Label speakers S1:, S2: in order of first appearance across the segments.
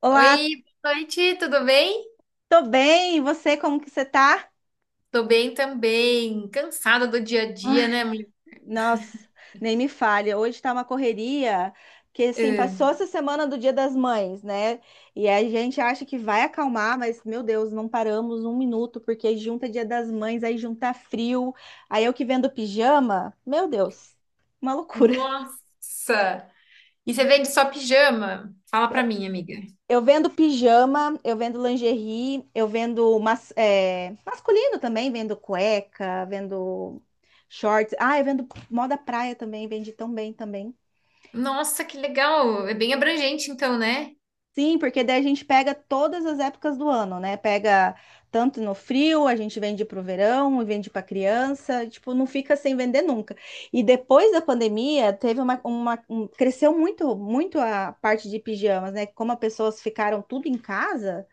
S1: Olá,
S2: Oi, boa noite, tudo bem?
S1: tô bem. E você, como que você tá?
S2: Tô bem também. Cansada do dia a dia,
S1: Ai,
S2: né, mulher?
S1: nossa, nem me falha. Hoje tá uma correria, porque assim,
S2: Ah,
S1: passou essa semana do Dia das Mães, né? E a gente acha que vai acalmar, mas meu Deus, não paramos um minuto, porque junta Dia das Mães, aí junta frio, aí eu que vendo pijama, meu Deus, uma loucura.
S2: nossa! E você vende só pijama? Fala pra mim, amiga.
S1: Eu vendo pijama, eu vendo lingerie, eu vendo mas, masculino também, vendo cueca, vendo shorts. Ah, eu vendo moda praia também, vende tão bem também.
S2: Nossa, que legal! É bem abrangente, então, né?
S1: Sim, porque daí a gente pega todas as épocas do ano, né? Pega tanto no frio, a gente vende pro verão, vende pra criança, tipo, não fica sem vender nunca. E depois da pandemia, teve cresceu muito, muito a parte de pijamas, né? Como as pessoas ficaram tudo em casa,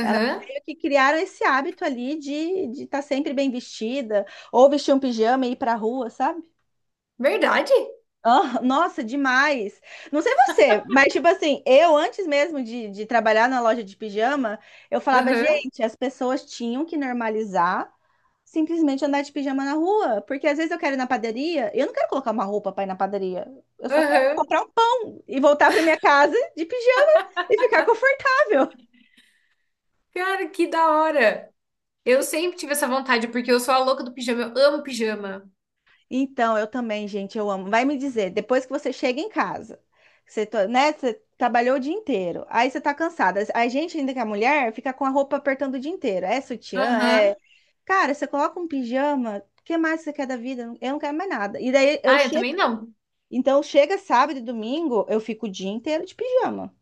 S1: elas meio que criaram esse hábito ali de estar sempre bem vestida, ou vestir um pijama e ir pra rua, sabe?
S2: Verdade?
S1: Ah, nossa, demais. Não sei você, mas tipo assim, eu antes mesmo de trabalhar na loja de pijama, eu falava,
S2: Aham.
S1: gente, as pessoas tinham que normalizar simplesmente andar de pijama na rua, porque às vezes eu quero ir na padaria, eu não quero colocar uma roupa pra ir na padaria, eu só quero
S2: Aham.
S1: comprar um pão e voltar pra minha casa de pijama e ficar confortável.
S2: Cara, que da hora! Eu sempre tive essa vontade, porque eu sou a louca do pijama. Eu amo pijama.
S1: Então, eu também, gente, eu amo. Vai me dizer, depois que você chega em casa, você, né, você trabalhou o dia inteiro, aí você tá cansada. A gente, ainda que é mulher, fica com a roupa apertando o dia inteiro. É sutiã,
S2: Aham.
S1: é. Cara, você coloca um pijama, o que mais você quer da vida? Eu não quero mais nada. E daí eu
S2: Ah, eu
S1: chego.
S2: também não.
S1: Então, chega sábado e domingo, eu fico o dia inteiro de pijama.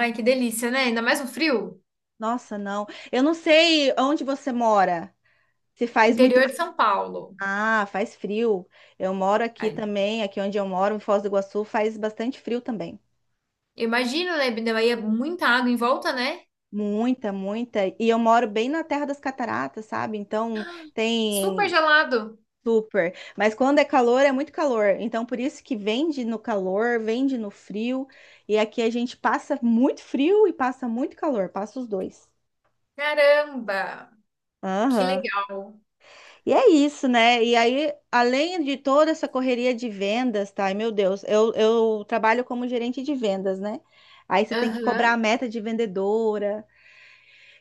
S2: Ai, que delícia, né? Ainda mais no frio.
S1: Nossa, não. Eu não sei onde você mora. Se faz muito.
S2: Interior de São Paulo.
S1: Ah, faz frio. Eu moro aqui também, aqui onde eu moro, em Foz do Iguaçu, faz bastante frio também.
S2: Imagina, né? Daí é muita água em volta, né?
S1: Muita, muita. E eu moro bem na Terra das Cataratas, sabe? Então
S2: Super
S1: tem
S2: gelado.
S1: super. Mas quando é calor, é muito calor. Então por isso que vende no calor, vende no frio. E aqui a gente passa muito frio e passa muito calor, passa os dois.
S2: Caramba! Que
S1: Aham.
S2: legal.
S1: E é isso, né? E aí, além de toda essa correria de vendas, tá? Ai, meu Deus, eu trabalho como gerente de vendas, né? Aí você tem que cobrar a
S2: Aham.
S1: meta de vendedora.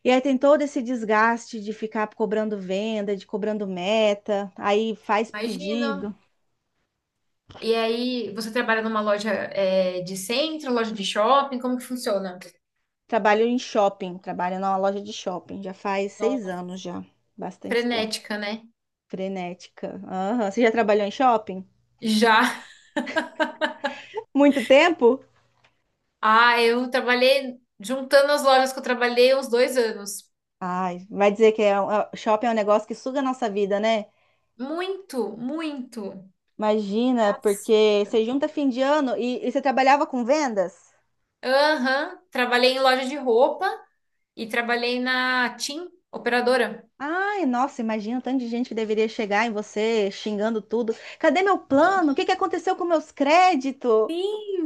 S1: E aí tem todo esse desgaste de ficar cobrando venda, de cobrando meta, aí faz
S2: Imagino.
S1: pedido.
S2: E aí, você trabalha numa loja é, de centro, loja de shopping? Como que funciona?
S1: Trabalho em shopping, trabalho numa loja de shopping, já faz seis
S2: Nossa.
S1: anos já, bastante tempo.
S2: Frenética, né?
S1: Frenética. Aham. Você já trabalhou em shopping?
S2: Já.
S1: Muito tempo?
S2: Ah, eu trabalhei juntando as lojas que eu trabalhei uns 2 anos.
S1: Ai, vai dizer que é shopping é um negócio que suga a nossa vida, né?
S2: Muito, muito.
S1: Imagina,
S2: Nossa.
S1: porque você junta fim de ano e você trabalhava com vendas?
S2: Aham. Trabalhei em loja de roupa e trabalhei na TIM, operadora.
S1: Ai, nossa, imagina o tanto de gente que deveria chegar em você xingando tudo. Cadê meu plano? O que que aconteceu com meus créditos?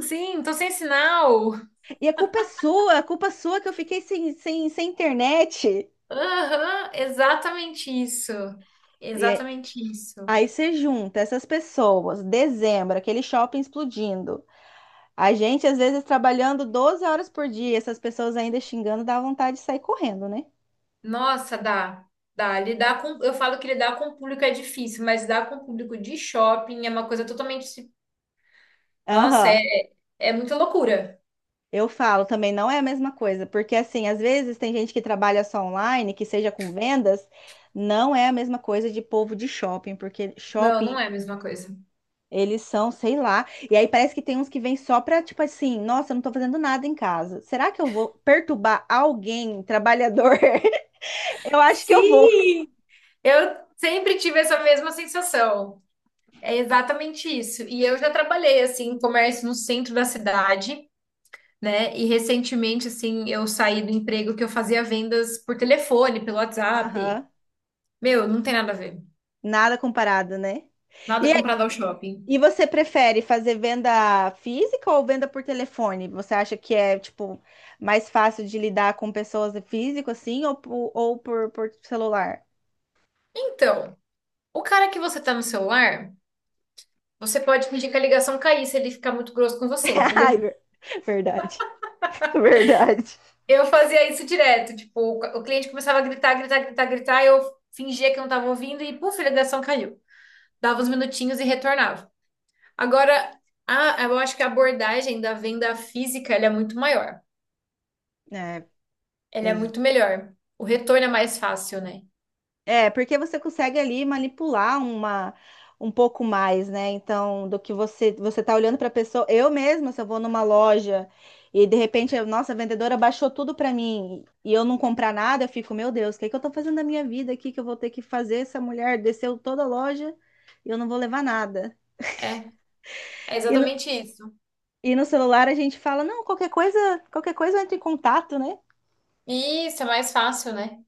S2: Sim, tô sem sinal.
S1: E a culpa é sua, a culpa é sua que eu fiquei sem internet.
S2: Aham, exatamente isso.
S1: E é-
S2: Exatamente isso.
S1: Aí você junta essas pessoas, dezembro, aquele shopping explodindo. A gente, às vezes, trabalhando 12 horas por dia, essas pessoas ainda xingando, dá vontade de sair correndo, né?
S2: Nossa, dá. Dá. Lidar com. Eu falo que lidar com o público é difícil, mas lidar com o público de shopping é uma coisa totalmente. Nossa,
S1: Aham.
S2: é, é muita loucura.
S1: Eu falo também, não é a mesma coisa, porque assim, às vezes tem gente que trabalha só online, que seja com vendas, não é a mesma coisa de povo de shopping, porque
S2: Não,
S1: shopping
S2: não é a mesma coisa.
S1: eles são, sei lá, e aí parece que tem uns que vêm só pra, tipo assim, nossa, eu não tô fazendo nada em casa. Será que eu vou perturbar alguém, trabalhador? Eu acho que eu vou.
S2: Sim! Eu sempre tive essa mesma sensação. É exatamente isso. E eu já trabalhei assim, em comércio no centro da cidade, né? E recentemente, assim, eu saí do emprego que eu fazia vendas por telefone, pelo WhatsApp.
S1: Aham.
S2: Meu, não tem nada a ver.
S1: Nada comparado, né? E
S2: Nada comprado ao shopping.
S1: E você prefere fazer venda física ou venda por telefone? Você acha que é, tipo, mais fácil de lidar com pessoas físico, assim, ou, ou por celular?
S2: Então, o cara que você tá no celular, você pode pedir que a ligação cair se ele ficar muito grosso com você, entendeu?
S1: Ai, verdade, verdade.
S2: Eu fazia isso direto, tipo, o cliente começava a gritar, gritar, gritar, gritar, eu fingia que não tava ouvindo e, puf, a ligação caiu. Dava uns minutinhos e retornava. Agora, eu acho que a abordagem da venda física, ela é muito maior. Ele é
S1: É,
S2: muito melhor. O retorno é mais fácil, né?
S1: É, porque você consegue ali manipular uma um pouco mais, né? Então, do que você tá olhando para a pessoa, eu mesma, se eu vou numa loja e de repente, nossa, a vendedora baixou tudo para mim e eu não comprar nada, eu fico, meu Deus, o que que eu tô fazendo da minha vida aqui que eu vou ter que fazer? Essa mulher desceu toda a loja e eu não vou levar nada.
S2: É, é
S1: E no,
S2: exatamente isso.
S1: e no celular a gente fala, não, qualquer coisa entra em contato, né?
S2: E isso é mais fácil, né?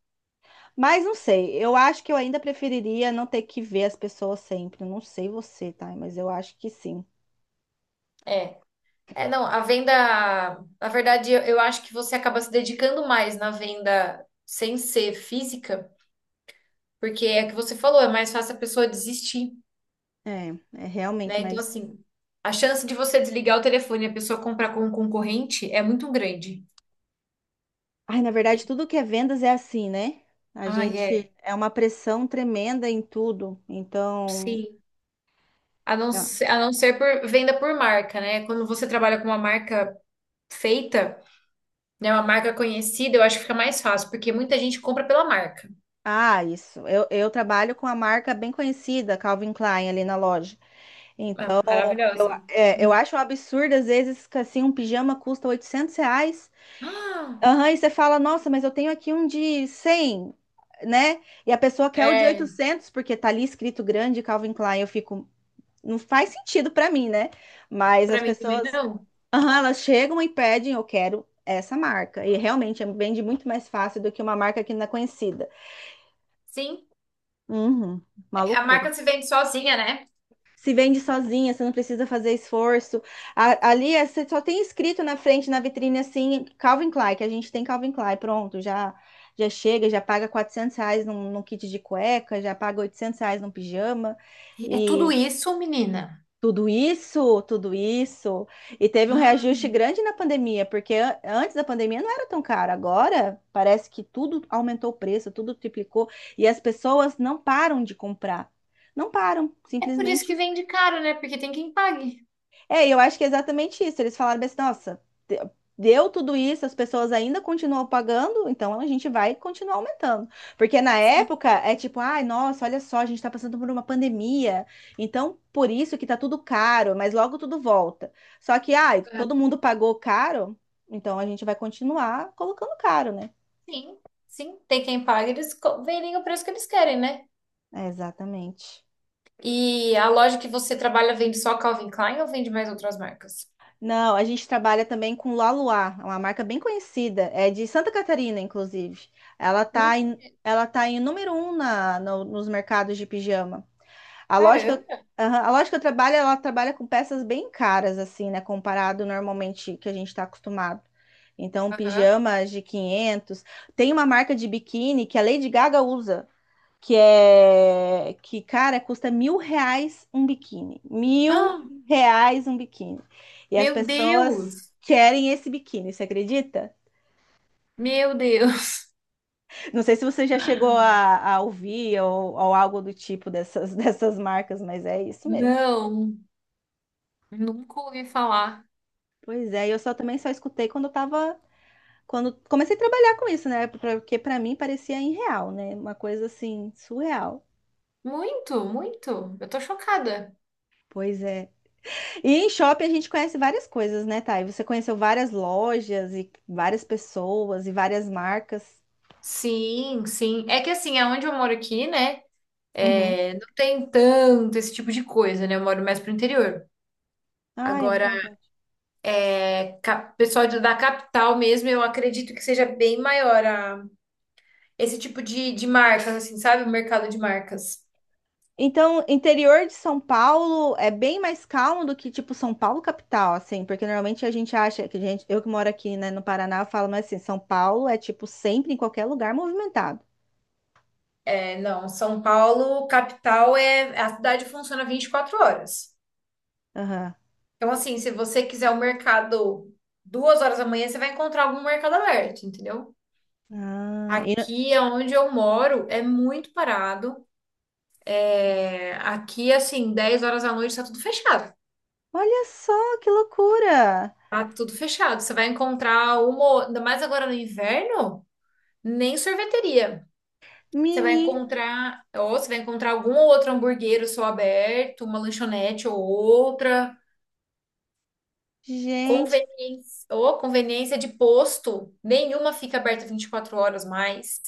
S1: Mas não sei, eu acho que eu ainda preferiria não ter que ver as pessoas sempre. Eu não sei você, tá? Mas eu acho que sim.
S2: É. É, não, a venda, na verdade, eu acho que você acaba se dedicando mais na venda sem ser física, porque é o que você falou, é mais fácil a pessoa desistir,
S1: É, é realmente,
S2: né? Então,
S1: mas.
S2: assim, a chance de você desligar o telefone e a pessoa comprar com um concorrente é muito grande.
S1: Ai, na verdade, tudo que é vendas é assim, né? A
S2: Ah,
S1: gente
S2: é.
S1: é uma pressão tremenda em tudo. Então.
S2: Sim.
S1: Ah,
S2: A não ser por venda por marca, né? Quando você trabalha com uma marca feita, né, uma marca conhecida, eu acho que fica mais fácil, porque muita gente compra pela marca.
S1: isso. Eu trabalho com a marca bem conhecida, Calvin Klein, ali na loja.
S2: Ah,
S1: Então, eu,
S2: maravilhosa.
S1: é, eu acho um absurdo, às vezes, que assim, um pijama custa R$ 800.
S2: Ah,
S1: Aham, e você fala, nossa, mas eu tenho aqui um de 100, né? E a pessoa quer o de
S2: é,
S1: 800 porque tá ali escrito grande Calvin Klein. Eu fico, não faz sentido pra mim, né? Mas
S2: pra
S1: as
S2: mim também
S1: pessoas,
S2: não.
S1: aham, elas chegam e pedem, eu quero essa marca. E realmente vende muito mais fácil do que uma marca que não é conhecida.
S2: Sim,
S1: Uhum, uma
S2: a
S1: loucura.
S2: marca se vende sozinha, né?
S1: Se vende sozinha, você não precisa fazer esforço. Ali você só tem escrito na frente, na vitrine, assim, Calvin Klein, que a gente tem Calvin Klein, pronto, já chega, já paga R$ 400 num kit de cueca, já paga R$ 800 num pijama,
S2: É tudo
S1: e
S2: isso, menina.
S1: tudo isso, tudo isso. E teve um reajuste
S2: Ah,
S1: grande na pandemia, porque antes da pandemia não era tão caro, agora parece que tudo aumentou o preço, tudo triplicou, e as pessoas não param de comprar. Não param,
S2: é por isso
S1: simplesmente.
S2: que vende caro, né? Porque tem quem pague.
S1: É, e eu acho que é exatamente isso. Eles falaram assim, nossa, de- deu tudo isso, as pessoas ainda continuam pagando, então a gente vai continuar aumentando. Porque na
S2: Sim,
S1: época é tipo, ai, nossa, olha só, a gente tá passando por uma pandemia, então por isso que tá tudo caro, mas logo tudo volta. Só que, ai,
S2: ah,
S1: todo mundo pagou caro, então a gente vai continuar colocando caro, né?
S2: sim, sim, tem quem pague, eles co- vendem o preço que eles querem, né?
S1: É, exatamente.
S2: E a loja que você trabalha vende só Calvin Klein ou vende mais outras marcas?
S1: Não, a gente trabalha também com Laluá, é uma marca bem conhecida, é de Santa Catarina, inclusive. Ela
S2: Não
S1: tá em,
S2: conheço.
S1: ela tá em número um na, no- nos mercados de pijama. A lógica,
S2: Caramba.
S1: a loja que eu trabalho, ela trabalha com peças bem caras, assim, né, comparado normalmente que a gente está acostumado. Então,
S2: Aham.
S1: pijamas de 500. Tem uma marca de biquíni que a Lady Gaga usa que é que, cara, custa R$ 1.000 um biquíni. Mil
S2: Ah,
S1: reais um biquíni. E as
S2: meu
S1: pessoas
S2: Deus!
S1: querem esse biquíni, você acredita?
S2: Meu Deus,
S1: Não sei se você já chegou a ouvir ou algo do tipo dessas, dessas marcas, mas é isso mesmo.
S2: não, nunca ouvi falar.
S1: Pois é, eu só também só escutei quando eu tava. Quando comecei a trabalhar com isso, né? Porque pra mim parecia irreal, né? Uma coisa assim, surreal.
S2: Muito, muito. Eu tô chocada.
S1: Pois é. E em shopping a gente conhece várias coisas, né, Thay? Você conheceu várias lojas e várias pessoas e várias marcas.
S2: Sim, sim. É que assim, aonde eu moro aqui, né?
S1: Uhum.
S2: É, não tem tanto esse tipo de coisa, né? Eu moro mais pro interior.
S1: Ah, é
S2: Agora,
S1: verdade.
S2: é, cap- pessoal de- da capital mesmo, eu acredito que seja bem maior a- esse tipo de marcas, assim, sabe? O mercado de marcas.
S1: Então, interior de São Paulo é bem mais calmo do que, tipo, São Paulo capital, assim, porque normalmente a gente acha que a gente, eu que moro aqui, né, no Paraná, eu falo, mas assim, São Paulo é, tipo, sempre em qualquer lugar movimentado.
S2: É, não, São Paulo, capital, é, a cidade funciona 24 horas.
S1: Aham.
S2: Então, assim, se você quiser o mercado 2 horas da manhã, você vai encontrar algum mercado aberto, entendeu?
S1: Ah, e no-
S2: Aqui é onde eu moro, é muito parado. É, aqui, assim, 10 horas da noite tá tudo fechado.
S1: Olha só que loucura!
S2: Tá tudo fechado. Você vai encontrar uma, ainda mais agora no inverno, nem sorveteria. Você vai
S1: Mini,
S2: encontrar, ou você vai encontrar algum outro hamburguero só aberto, uma lanchonete ou outra.
S1: gente.
S2: Conveniência, ou conveniência de posto, nenhuma fica aberta 24 horas mais.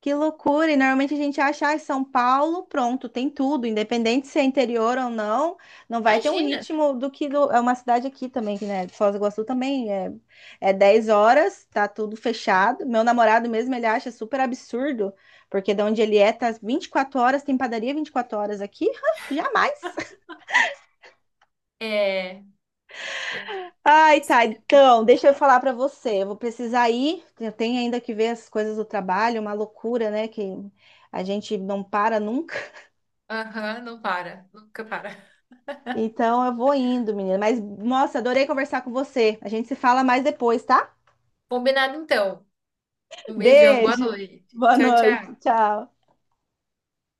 S1: Que loucura! E normalmente a gente acha, ah, São Paulo, pronto, tem tudo, independente se é interior ou não, não vai ter um
S2: Imagina.
S1: ritmo do que é uma cidade aqui também, que, né? Foz do Iguaçu também é 10 horas, tá tudo fechado. Meu namorado mesmo, ele acha super absurdo, porque de onde ele é, tá 24 horas, tem padaria 24 horas aqui? Jamais!
S2: É, é
S1: Ai,
S2: isso.
S1: tá, então, deixa eu falar pra você, eu vou precisar ir, eu tenho ainda que ver as coisas do trabalho, uma loucura, né, que a gente não para nunca.
S2: Aham, não para, nunca para.
S1: Então eu vou indo, menina. Mas, nossa, adorei conversar com você. A gente se fala mais depois, tá?
S2: Combinado então. Um beijão, boa
S1: Beijo.
S2: noite.
S1: Boa
S2: Tchau,
S1: noite.
S2: tchau.
S1: Tchau.